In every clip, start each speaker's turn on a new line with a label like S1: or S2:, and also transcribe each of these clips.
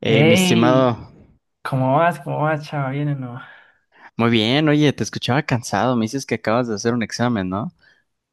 S1: Hey, mi
S2: Ey,
S1: estimado,
S2: ¿cómo vas? ¿Cómo vas, chava? ¿Bien o no?
S1: muy bien, oye, te escuchaba cansado, me dices que acabas de hacer un examen, ¿no?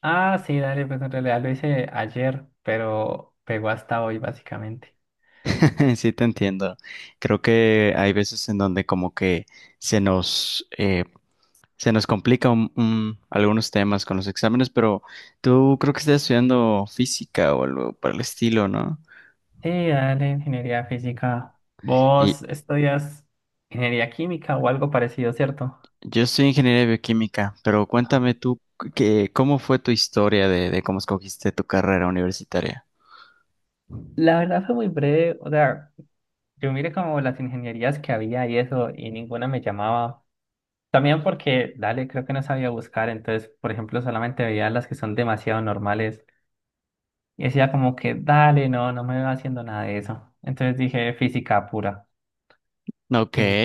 S2: Ah, sí, dale, pues en realidad lo hice ayer, pero pegó hasta hoy, básicamente.
S1: Sí, te entiendo. Creo que hay veces en donde como que se nos, eh, se nos complica algunos temas con los exámenes, pero tú creo que estás estudiando física o algo para el estilo, ¿no?
S2: Sí, dale, ingeniería física. ¿Vos estudias ingeniería química o algo parecido, cierto?
S1: Yo soy ingeniero de bioquímica, pero
S2: Ah.
S1: cuéntame tú que, cómo fue tu historia de cómo escogiste tu carrera universitaria.
S2: La verdad fue muy breve, o sea, yo miré como las ingenierías que había y eso, y ninguna me llamaba. También porque, dale, creo que no sabía buscar, entonces, por ejemplo, solamente veía las que son demasiado normales. Y decía como que, dale, no, no me va haciendo nada de eso. Entonces dije física pura.
S1: Ok,
S2: Y,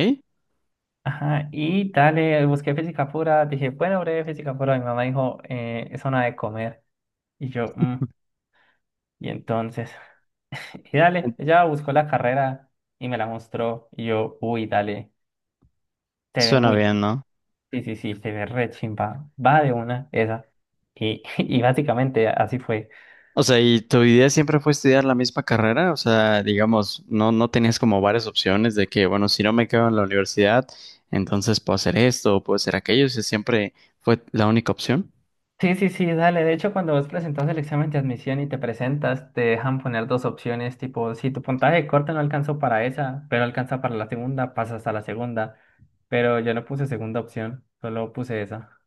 S2: ajá, y dale, busqué física pura. Dije, bueno, breve física pura. Mi mamá dijo, es hora de comer. Y yo, "Mm". Y entonces, y dale, ella buscó la carrera y me la mostró. Y yo, uy, dale, se ve
S1: suena
S2: muy,
S1: bien,
S2: chi-
S1: ¿no?
S2: sí, sí, sí, se ve re chimba. Va de una, esa. Y, y básicamente así fue.
S1: O sea, ¿y tu idea siempre fue estudiar la misma carrera? O sea, digamos, no tenías como varias opciones de que, bueno, si no me quedo en la universidad, entonces puedo hacer esto o puedo hacer aquello. O sea, siempre fue la única opción.
S2: Sí, sí, sí, dale. De hecho, cuando vos presentas el examen de admisión y te presentas, te dejan poner dos opciones, tipo, si tu puntaje corto no alcanzó para esa, pero alcanza para la segunda, pasas a la segunda. Pero yo no puse segunda opción, solo puse esa.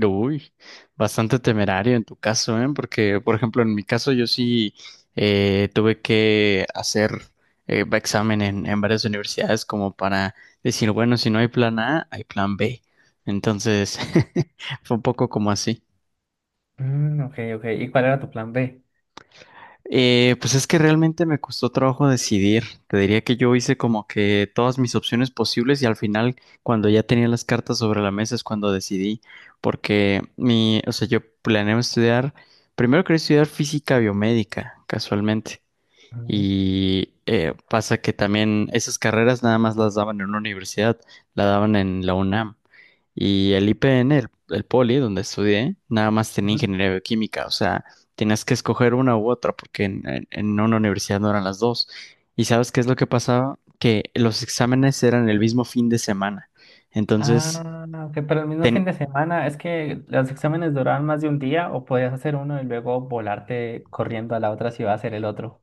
S1: Uy, bastante temerario en tu caso, ¿eh? Porque, por ejemplo, en mi caso yo sí tuve que hacer examen en varias universidades como para decir, bueno, si no hay plan A, hay plan B. Entonces, fue un poco como así.
S2: Mm, ok, ok. ¿Y cuál era tu plan B?
S1: Pues es que realmente me costó trabajo decidir. Te diría que yo hice como que todas mis opciones posibles y al final, cuando ya tenía las cartas sobre la mesa, es cuando decidí. Porque mi, o sea, yo planeaba estudiar, primero quería estudiar física biomédica, casualmente.
S2: Ujú,
S1: Y pasa que también esas carreras nada más las daban en una universidad, la daban en la UNAM. Y el IPN, el Poli, donde estudié, nada más tenía
S2: ujú.
S1: ingeniería bioquímica, o sea, tenías que escoger una u otra, porque en una universidad no eran las dos. ¿Y sabes qué es lo que pasaba? Que los exámenes eran el mismo fin de semana. Entonces,
S2: Ah, ok, pero el mismo
S1: ten-
S2: fin de semana, ¿es que los exámenes duraban más de un día o podías hacer uno y luego volarte corriendo a la otra si va a hacer el otro?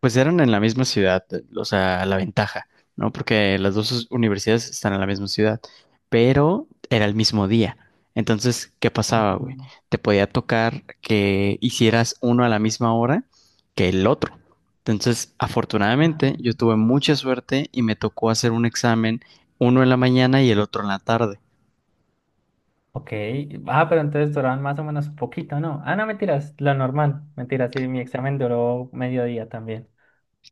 S1: pues eran en la misma ciudad, o sea, la ventaja, ¿no? Porque las dos universidades están en la misma ciudad, pero era el mismo día. Entonces, ¿qué pasaba, güey?
S2: Mm,
S1: Te podía tocar que hicieras uno a la misma hora que el otro. Entonces,
S2: ajá.
S1: afortunadamente, yo tuve mucha suerte y me tocó hacer un examen, uno en la mañana y el otro en la tarde.
S2: Ok. Ah, pero entonces duraban más o menos un poquito, ¿no? Ah, no, mentiras, lo normal. Mentiras, sí, mi examen duró medio día también.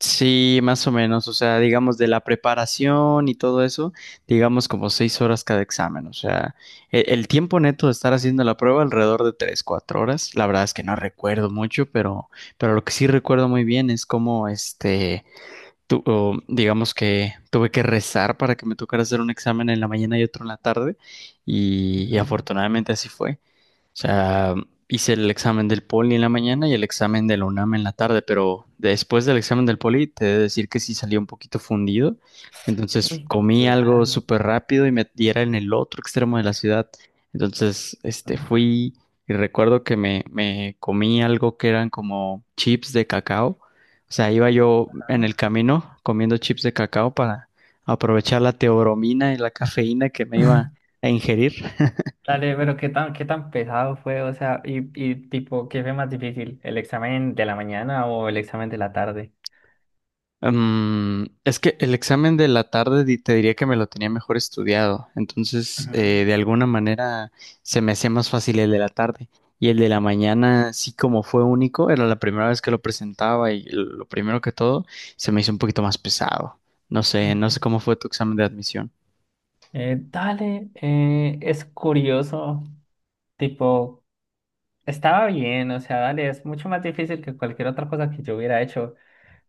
S1: Sí, más o menos, o sea, digamos de la preparación y todo eso, digamos como seis horas cada examen, o sea, tiempo neto de estar haciendo la prueba alrededor de tres, cuatro horas, la verdad es que no recuerdo mucho, pero lo que sí recuerdo muy bien es cómo, este, digamos que tuve que rezar para que me tocara hacer un examen en la mañana y otro en la tarde, y
S2: Ujú.
S1: afortunadamente así fue sea, hice el examen del poli en la mañana y el examen de la UNAM en la tarde, pero después del examen del poli te he de decir que sí salí un poquito fundido. Entonces
S2: Uy,
S1: comí algo
S2: claro.
S1: súper rápido y me y era en el otro extremo de la ciudad. Entonces, este, fui y recuerdo que me comí algo que eran como chips de cacao. O sea, iba yo en el
S2: Ajá.
S1: camino comiendo chips de cacao para aprovechar la teobromina y la cafeína que me iba a ingerir.
S2: Dale, pero qué tan pesado fue, o sea, y tipo, ¿qué fue más difícil? ¿El examen de la mañana o el examen de la tarde?
S1: Mm, es que el examen de la tarde te diría que me lo tenía mejor estudiado, entonces
S2: Ujú.
S1: de alguna manera se me hacía más fácil el de la tarde y el de la mañana sí como fue único, era la primera vez que lo presentaba y lo primero que todo se me hizo un poquito más pesado. No sé, no
S2: Ujú.
S1: sé cómo fue tu examen de admisión.
S2: Dale, es curioso, tipo, estaba bien, o sea, dale, es mucho más difícil que cualquier otra cosa que yo hubiera hecho,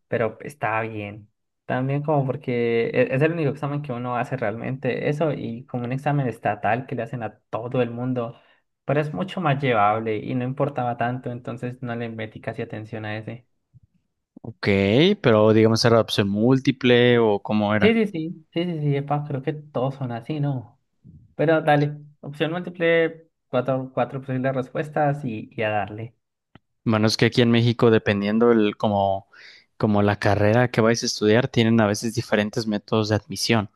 S2: pero está bien. También como porque e- es el único examen que uno hace realmente eso y como un examen estatal que le hacen a todo el mundo, pero es mucho más llevable y no importaba tanto, entonces no le metí casi atención a ese.
S1: Ok, pero digamos era opción múltiple o cómo
S2: Sí,
S1: era.
S2: sí, sí, sí, sí, sí, epa, creo que todos son así, ¿no? Pero dale, opción múltiple, cuatro posibles respuestas y a darle.
S1: Bueno, es que aquí en México, dependiendo el, como, como la carrera que vais a estudiar, tienen a veces diferentes métodos de admisión.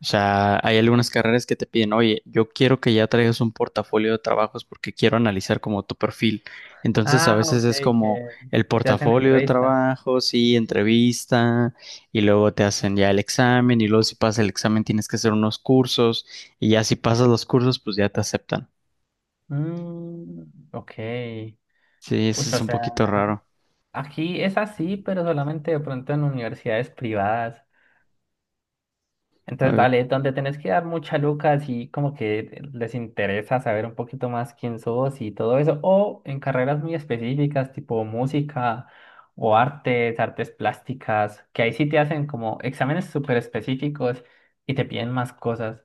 S1: O sea, hay algunas carreras que te piden, oye, yo quiero que ya traigas un portafolio de trabajos porque quiero analizar como tu perfil. Entonces, a
S2: Ah,
S1: veces
S2: ok,
S1: es como
S2: que
S1: el
S2: te hacen
S1: portafolio de
S2: entrevista.
S1: trabajos y entrevista, y luego te hacen ya el examen, y luego si pasas el examen tienes que hacer unos cursos, y ya si pasas los cursos, pues ya te aceptan.
S2: Mm, ok.
S1: Sí,
S2: Uy,
S1: eso es
S2: o
S1: un
S2: sea.
S1: poquito raro.
S2: Aquí es así, pero solamente de pronto en universidades privadas. Entonces, dale, donde tenés que dar mucha lucas y como que les interesa saber un poquito más quién sos y todo eso, o en carreras muy específicas, tipo música o artes, artes plásticas, que ahí sí te hacen como exámenes súper específicos y te piden más cosas.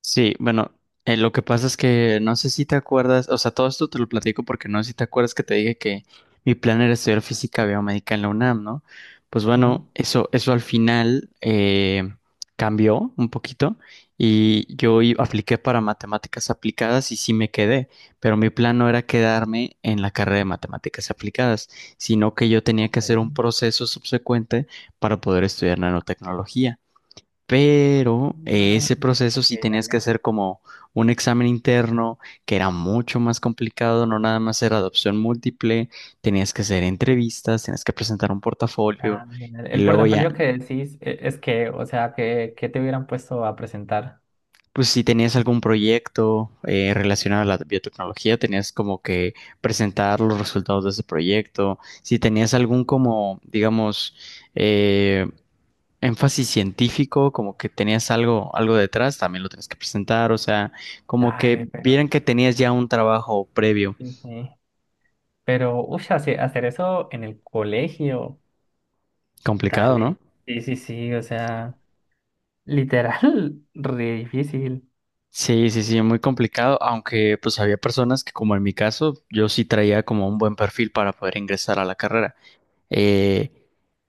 S1: Sí, bueno, lo que pasa es que no sé si te acuerdas, o sea, todo esto te lo platico porque no sé si te acuerdas que te dije que mi plan era estudiar física biomédica en la UNAM, ¿no? Pues
S2: Ujú.
S1: bueno, eso al final cambió un poquito y yo apliqué para matemáticas aplicadas y sí me quedé, pero mi plan no era quedarme en la carrera de matemáticas aplicadas, sino que yo tenía
S2: Ok.
S1: que hacer un proceso subsecuente para poder estudiar nanotecnología. Pero
S2: Ah,
S1: ese proceso
S2: ok,
S1: sí tenías que
S2: dale.
S1: hacer como un examen interno que era mucho más complicado, no nada más era adopción múltiple, tenías que hacer entrevistas, tenías que presentar un portafolio
S2: Ah,
S1: y
S2: el
S1: luego ya,
S2: portafolio que decís es que, o sea, que te hubieran puesto a presentar.
S1: pues si tenías algún proyecto relacionado a la biotecnología, tenías como que presentar los resultados de ese proyecto, si tenías algún como, digamos, eh, énfasis científico, como que tenías algo, algo detrás, también lo tienes que presentar, o sea, como
S2: Dale,
S1: que vieran
S2: pero
S1: que tenías ya un trabajo previo.
S2: sí, sí. Pero, uy, hacer eso en el colegio.
S1: Complicado, ¿no?
S2: Dale. Sí, sí, sí, o sea, literal, re difícil.
S1: Sí, sí, sí, muy complicado, aunque pues había personas que como en mi caso, yo sí traía como un buen perfil para poder ingresar a la carrera. Eh,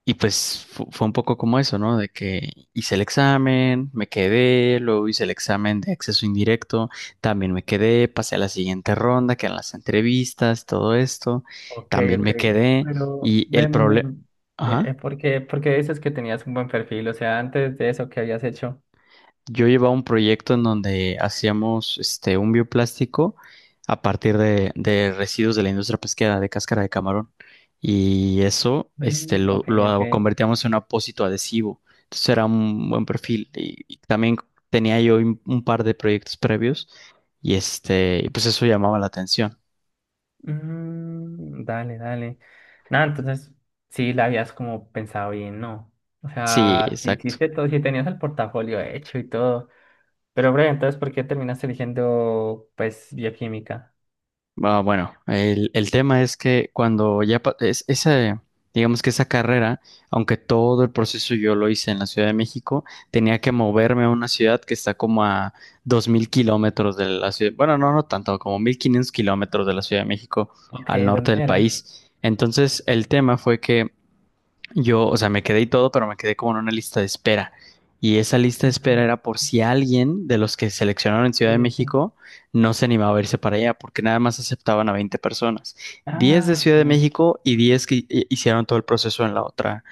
S1: y pues fue un poco como eso, ¿no? De que hice el examen, me quedé, luego hice el examen de acceso indirecto, también me quedé, pasé a la siguiente ronda, que eran las entrevistas, todo esto,
S2: Ok,
S1: también
S2: ok.
S1: me quedé
S2: Pero,
S1: y el
S2: ven, ven,
S1: problema...
S2: ven. Por qué dices que tenías un buen perfil? O sea, antes de eso, ¿qué habías hecho?
S1: Yo llevaba un proyecto en donde hacíamos este, un bioplástico a partir de residuos de la industria pesquera, de cáscara de camarón. Y eso este,
S2: Mm, ok, ok.
S1: lo convertíamos en un apósito adhesivo. Entonces era un buen perfil. Y también tenía yo un par de proyectos previos y este, y pues eso llamaba la atención.
S2: Mm, dale, dale. Nada, entonces, sí, la habías como pensado bien, ¿no? O
S1: Sí,
S2: sea, sí
S1: exacto.
S2: hiciste todo, sí tenías el portafolio hecho y todo. Pero, breve, entonces, ¿por qué terminaste eligiendo, pues, bioquímica?
S1: Ah, bueno, el tema es que cuando ya esa, digamos que esa carrera, aunque todo el proceso yo lo hice en la Ciudad de México, tenía que moverme a una ciudad que está como a 2000 kilómetros de la ciudad, bueno, no, no tanto, como 1500 kilómetros de la Ciudad de México
S2: Ok,
S1: al norte del
S2: ¿dónde era?
S1: país. Entonces, el tema fue que yo, o sea, me quedé y todo, pero me quedé como en una lista de espera. Y esa lista de espera era
S2: Ujú.
S1: por si alguien de los que seleccionaron en Ciudad
S2: Sí,
S1: de
S2: sí, sí.
S1: México no se animaba a irse para allá, porque nada más aceptaban a 20 personas. 10 de
S2: Ah,
S1: Ciudad
S2: ok.
S1: de México y 10 que hicieron todo el proceso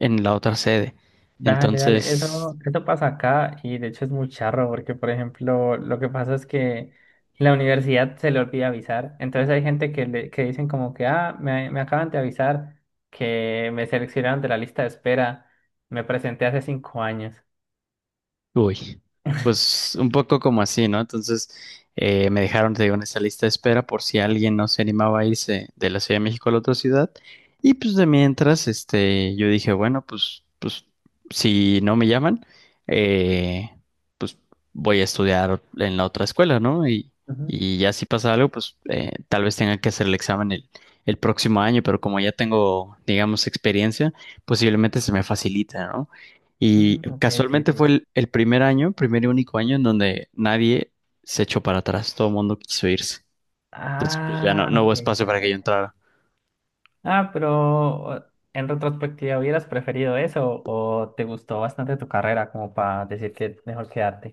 S1: en la otra sede.
S2: Dale, dale.
S1: Entonces,
S2: Eso pasa acá y de hecho es muy charro porque, por ejemplo, lo que pasa es que la universidad se le olvida avisar. Entonces hay gente que, le, que dicen como que, ah, me acaban de avisar que me seleccionaron de la lista de espera. Me presenté hace 5 años.
S1: uy, pues un poco como así, ¿no? Entonces me dejaron, te digo, en esa lista de espera por si alguien no se animaba a irse de la Ciudad de México a la otra ciudad. Y pues de mientras, este, yo dije, bueno, pues, pues si no me llaman, eh, pues voy a estudiar en la otra escuela, ¿no?
S2: Ujú.
S1: Y ya si pasa algo, pues tal vez tenga que hacer el examen el próximo año, pero como ya tengo, digamos, experiencia, posiblemente se me facilita, y
S2: Ujú, ok, sí,
S1: casualmente
S2: sí.
S1: fue el primer año, primer y único año en donde nadie se echó para atrás, todo el mundo quiso irse. Entonces, pues ya no,
S2: Ah,
S1: no hubo
S2: ok,
S1: espacio para que yo
S2: vale.
S1: entrara.
S2: Ah, pero en retrospectiva, ¿hubieras preferido eso o te gustó bastante tu carrera como para decir que mejor quedarte?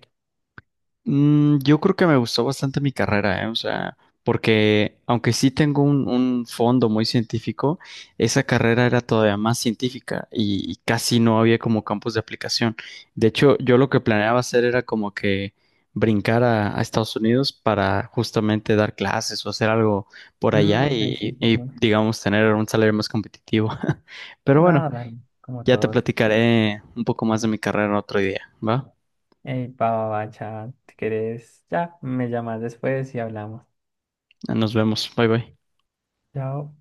S1: Mm, yo creo que me gustó bastante mi carrera, ¿eh? O sea, porque aunque sí tengo un fondo muy científico, esa carrera era todavía más científica y casi no había como campos de aplicación. De hecho, yo lo que planeaba hacer era como que brincar a Estados Unidos para justamente dar clases o hacer algo por
S2: Mm,
S1: allá
S2: ok, sí, sí, sí.
S1: y, digamos, tener un salario más competitivo. Pero bueno,
S2: Nada, dale, como
S1: ya te
S2: todos.
S1: platicaré un poco más de mi carrera otro día, ¿va?
S2: Ey, pa, va, va, cha, si querés, ya, me llamas después y hablamos.
S1: Nos vemos, bye bye.
S2: Chao.